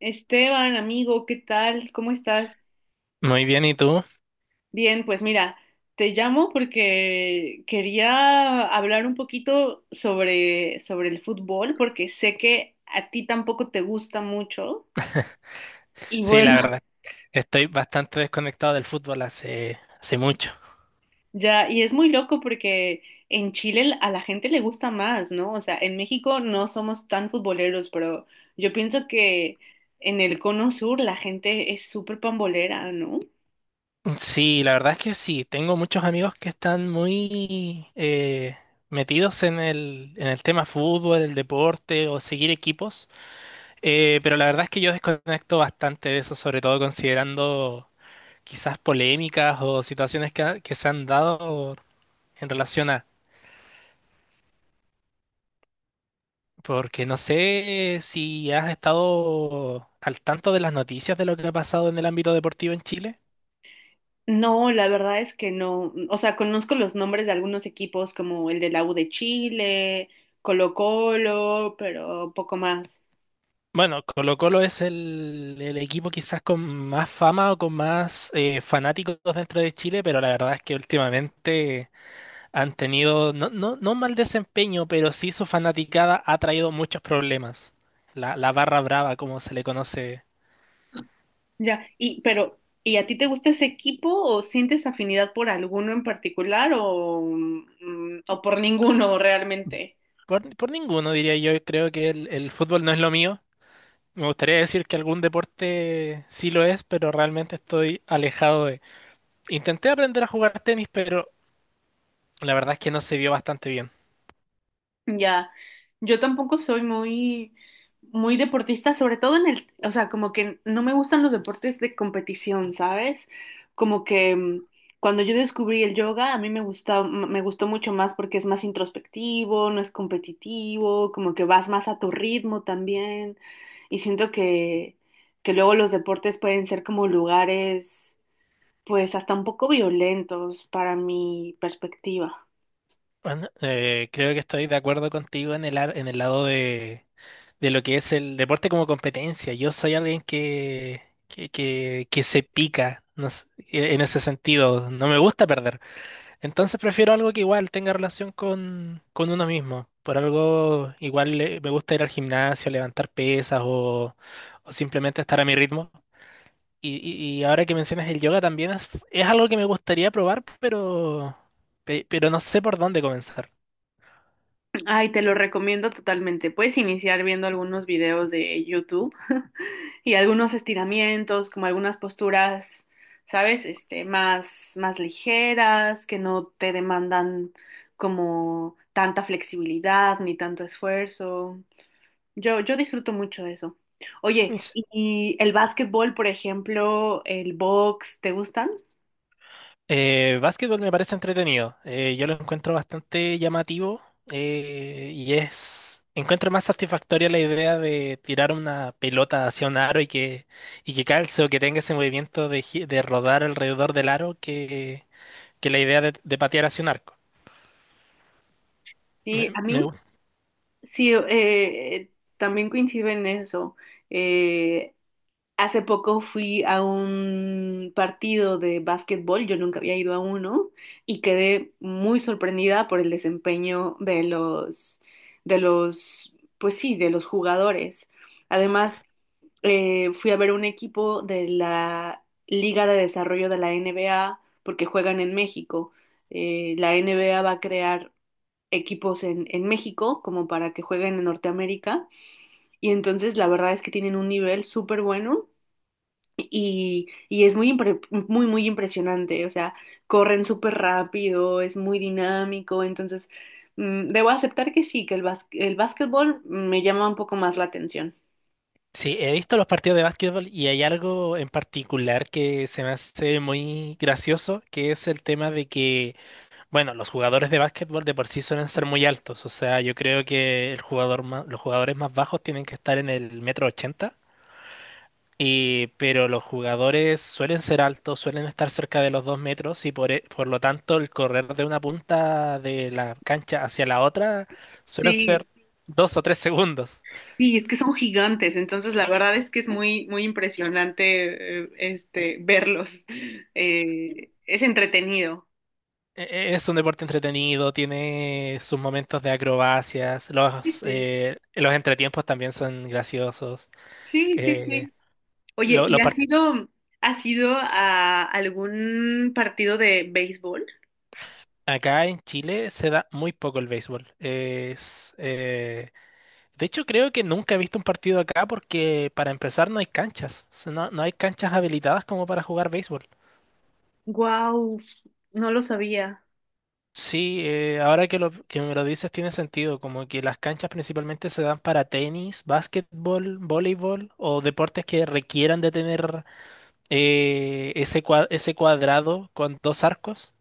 Esteban, amigo, ¿qué tal? ¿Cómo estás? Muy bien, ¿y tú? Bien, pues mira, te llamo porque quería hablar un poquito sobre el fútbol, porque sé que a ti tampoco te gusta mucho. Y Sí, la bueno, verdad, estoy bastante desconectado del fútbol hace mucho. ya, y es muy loco porque en Chile a la gente le gusta más, ¿no? O sea, en México no somos tan futboleros, pero yo pienso que en el cono sur la gente es súper pambolera, ¿no? Sí, la verdad es que sí, tengo muchos amigos que están muy metidos en el tema fútbol, el deporte o seguir equipos, pero la verdad es que yo desconecto bastante de eso, sobre todo considerando quizás polémicas o situaciones que se han dado en relación a... Porque no sé si has estado al tanto de las noticias de lo que ha pasado en el ámbito deportivo en Chile. No, la verdad es que no. O sea, conozco los nombres de algunos equipos como el de la U de Chile, Colo-Colo, pero poco más. Bueno, Colo-Colo es el equipo quizás con más fama o con más fanáticos dentro de Chile, pero la verdad es que últimamente han tenido, no mal desempeño, pero sí su fanaticada ha traído muchos problemas. La barra brava, como se le conoce, Ya, y pero ¿y a ti te gusta ese equipo o sientes afinidad por alguno en particular o, o por ninguno realmente? Por ninguno diría yo, creo que el fútbol no es lo mío. Me gustaría decir que algún deporte sí lo es, pero realmente estoy alejado de. Intenté aprender a jugar tenis, pero la verdad es que no se dio bastante bien. Ya, yo tampoco soy muy deportista, sobre todo en el, o sea, como que no me gustan los deportes de competición, ¿sabes? Como que cuando yo descubrí el yoga, a mí me gusta, me gustó mucho más porque es más introspectivo, no es competitivo, como que vas más a tu ritmo también. Y siento que luego los deportes pueden ser como lugares, pues hasta un poco violentos para mi perspectiva. Bueno, creo que estoy de acuerdo contigo en en el lado de lo que es el deporte como competencia. Yo soy alguien que se pica, no sé, en ese sentido. No me gusta perder. Entonces prefiero algo que igual tenga relación con uno mismo. Por algo igual me gusta ir al gimnasio, levantar pesas o simplemente estar a mi ritmo. Y ahora que mencionas el yoga también es algo que me gustaría probar, pero no sé por dónde comenzar. Ay, te lo recomiendo totalmente. Puedes iniciar viendo algunos videos de YouTube y algunos estiramientos, como algunas posturas, ¿sabes? Este, más ligeras, que no te demandan como tanta flexibilidad ni tanto esfuerzo. Yo disfruto mucho de eso. Oye, ¿y el básquetbol, por ejemplo, el box, te gustan? Básquetbol me parece entretenido. Yo lo encuentro bastante llamativo y es. Encuentro más satisfactoria la idea de tirar una pelota hacia un aro y que calce o que tenga ese movimiento de rodar alrededor del aro que la idea de patear hacia un arco. Sí, Me- a me mí gusta. sí, también coincido en eso. Eh, Hace poco fui a un partido de básquetbol, yo nunca había ido a uno y quedé muy sorprendida por el desempeño de los, pues sí, de los jugadores. Además, fui a ver un equipo de la Liga de Desarrollo de la NBA porque juegan en México. La NBA va a crear equipos en México como para que jueguen en Norteamérica y entonces la verdad es que tienen un nivel súper bueno y es muy, muy impresionante, o sea, corren súper rápido, es muy dinámico, entonces debo aceptar que sí, que el básquetbol me llama un poco más la atención. Sí, he visto los partidos de básquetbol y hay algo en particular que se me hace muy gracioso, que es el tema de que. Bueno, los jugadores de básquetbol de por sí suelen ser muy altos, o sea, yo creo que los jugadores más bajos tienen que estar en el metro ochenta, y, pero los jugadores suelen ser altos, suelen estar cerca de los dos metros y por lo tanto el correr de una punta de la cancha hacia la otra suelen Sí, ser dos o tres segundos. sí, es que son gigantes, entonces la verdad es que es muy, muy impresionante, este, verlos. Es entretenido. Es un deporte entretenido, tiene sus momentos de acrobacias, Sí, los, sí, eh, los entretiempos también son graciosos. sí, sí, Eh, sí. Oye, los partidos. ¿Has ido a algún partido de béisbol? Acá en Chile se da muy poco el béisbol. Es, de hecho, creo que nunca he visto un partido acá porque para empezar no hay canchas. O sea, no, no hay canchas habilitadas como para jugar béisbol. Wow, no lo sabía. Sí, ahora que me lo dices tiene sentido, como que las canchas principalmente se dan para tenis, básquetbol, voleibol o deportes que requieran de tener ese cuadrado con dos arcos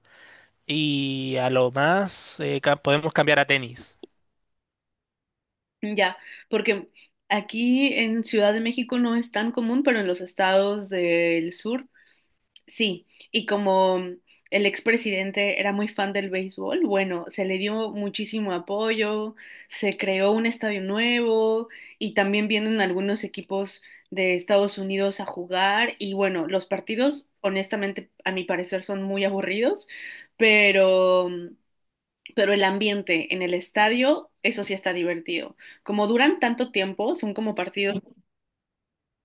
y a lo más podemos cambiar a tenis. Ya, porque aquí en Ciudad de México no es tan común, pero en los estados del sur sí. Y como el expresidente era muy fan del béisbol, bueno, se le dio muchísimo apoyo, se creó un estadio nuevo y también vienen algunos equipos de Estados Unidos a jugar. Y bueno, los partidos, honestamente, a mi parecer son muy aburridos, pero pero el ambiente en el estadio, eso sí está divertido. Como duran tanto tiempo, son como partidos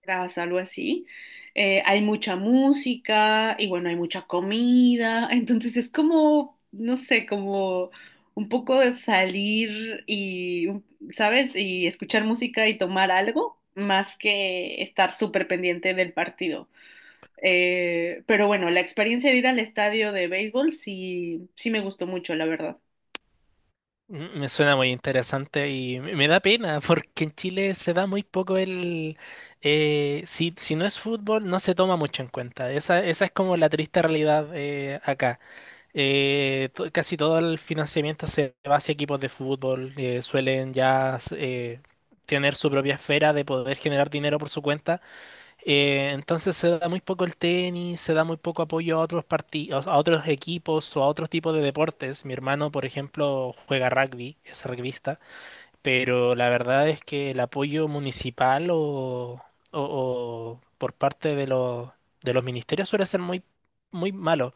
tras algo así, hay mucha música y bueno, hay mucha comida, entonces es como, no sé, como un poco de salir y, ¿sabes? Y escuchar música y tomar algo más que estar súper pendiente del partido. Pero bueno, la experiencia de ir al estadio de béisbol sí, sí me gustó mucho, la verdad. Mm, me suena muy interesante y me da pena porque en Chile se da muy poco el... Eh, si, si no es fútbol, no se toma mucho en cuenta. Esa es como la triste realidad acá. Casi todo el financiamiento se va hacia equipos de fútbol. Suelen ya tener su propia esfera de poder generar dinero por su cuenta. Entonces se da muy poco el tenis, se da muy poco apoyo a otros partidos, a otros equipos o a otros tipos de deportes. Mi hermano, por ejemplo, juega rugby, es rugbyista, pero la verdad es que el apoyo municipal o, o por parte de los ministerios suele ser muy malo.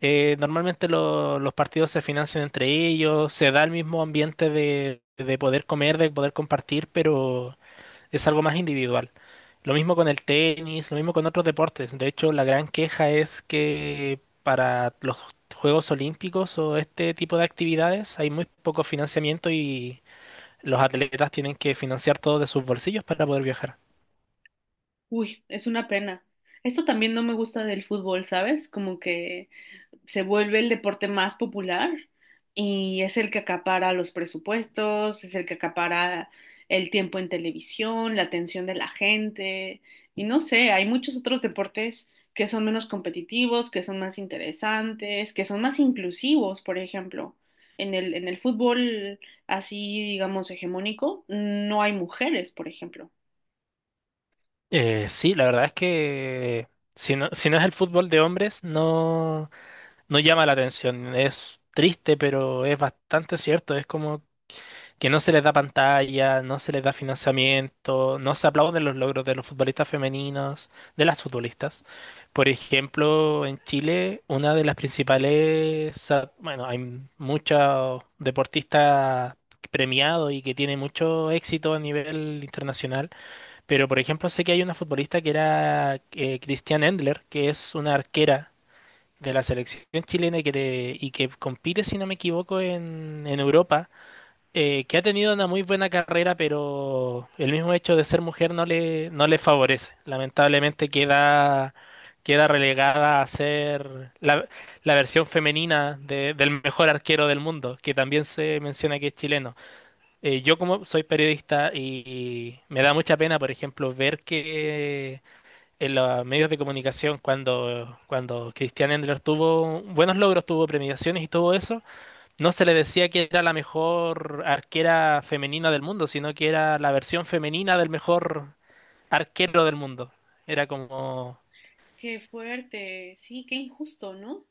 Normalmente los partidos se financian entre ellos, se da el mismo ambiente de poder comer, de poder compartir, pero es algo más individual. Lo mismo con el tenis, lo mismo con otros deportes. De hecho, la gran queja es que para los Juegos Olímpicos o este tipo de actividades hay muy poco financiamiento y los atletas tienen que financiar todo de sus bolsillos para poder viajar. Uy, es una pena. Esto también no me gusta del fútbol, ¿sabes? Como que se vuelve el deporte más popular y es el que acapara los presupuestos, es el que acapara el tiempo en televisión, la atención de la gente y no sé, hay muchos otros deportes que son menos competitivos, que son más interesantes, que son más inclusivos, por ejemplo. En el fútbol así, digamos, hegemónico, no hay mujeres, por ejemplo. Sí, la verdad es que si no, si no es el fútbol de hombres, no llama la atención. Es triste, pero es bastante cierto. Es como que no se les da pantalla, no se les da financiamiento, no se aplauden los logros de los futbolistas femeninos, de las futbolistas. Por ejemplo, en Chile, una de las principales, ah, bueno, hay muchos deportistas premiados y que tiene mucho éxito a nivel internacional, pero por ejemplo sé que hay una futbolista que era Christian Endler, que es una arquera de la selección chilena y y que compite, si no me equivoco, en Europa, que ha tenido una muy buena carrera, pero el mismo hecho de ser mujer no le, no le favorece. Lamentablemente queda relegada a ser la, la versión femenina del mejor arquero del mundo, que también se menciona que es chileno. Yo como soy periodista y me da mucha pena, por ejemplo, ver que en los medios de comunicación, cuando Cristian Endler tuvo buenos logros, tuvo premiaciones y todo eso, no se le decía que era la mejor arquera femenina del mundo, sino que era la versión femenina del mejor arquero del mundo. Era como, Qué fuerte, sí, qué injusto, ¿no?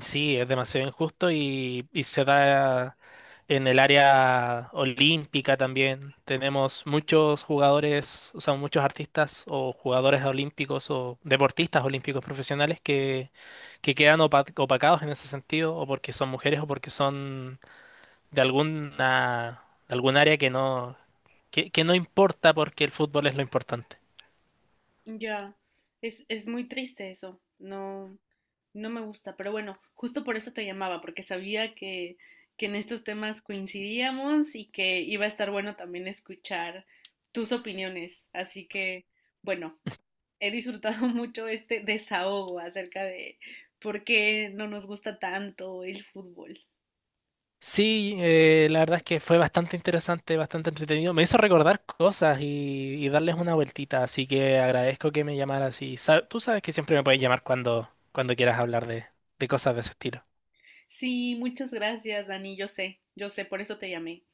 sí, es demasiado injusto y se da en el área olímpica también. Tenemos muchos jugadores, o sea, muchos artistas o jugadores olímpicos o deportistas olímpicos profesionales que quedan opacados en ese sentido, o porque son mujeres o porque son de alguna, de algún área que no importa porque el fútbol es lo importante. Ya, es muy triste eso, no, no me gusta, pero bueno, justo por eso te llamaba, porque sabía que en estos temas coincidíamos y que iba a estar bueno también escuchar tus opiniones, así que, bueno, he disfrutado mucho este desahogo acerca de por qué no nos gusta tanto el fútbol. Sí, la verdad es que fue bastante interesante, bastante entretenido. Me hizo recordar cosas y darles una vueltita, así que agradezco que me llamaras y tú sabes que siempre me puedes llamar cuando quieras hablar de cosas de ese estilo. Sí, muchas gracias, Dani, yo sé, por eso te llamé.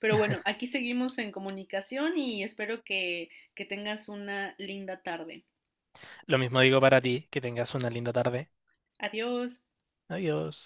Pero bueno, aquí seguimos en comunicación y espero que tengas una linda tarde. Lo mismo digo para ti, que tengas una linda tarde. Adiós. Adiós.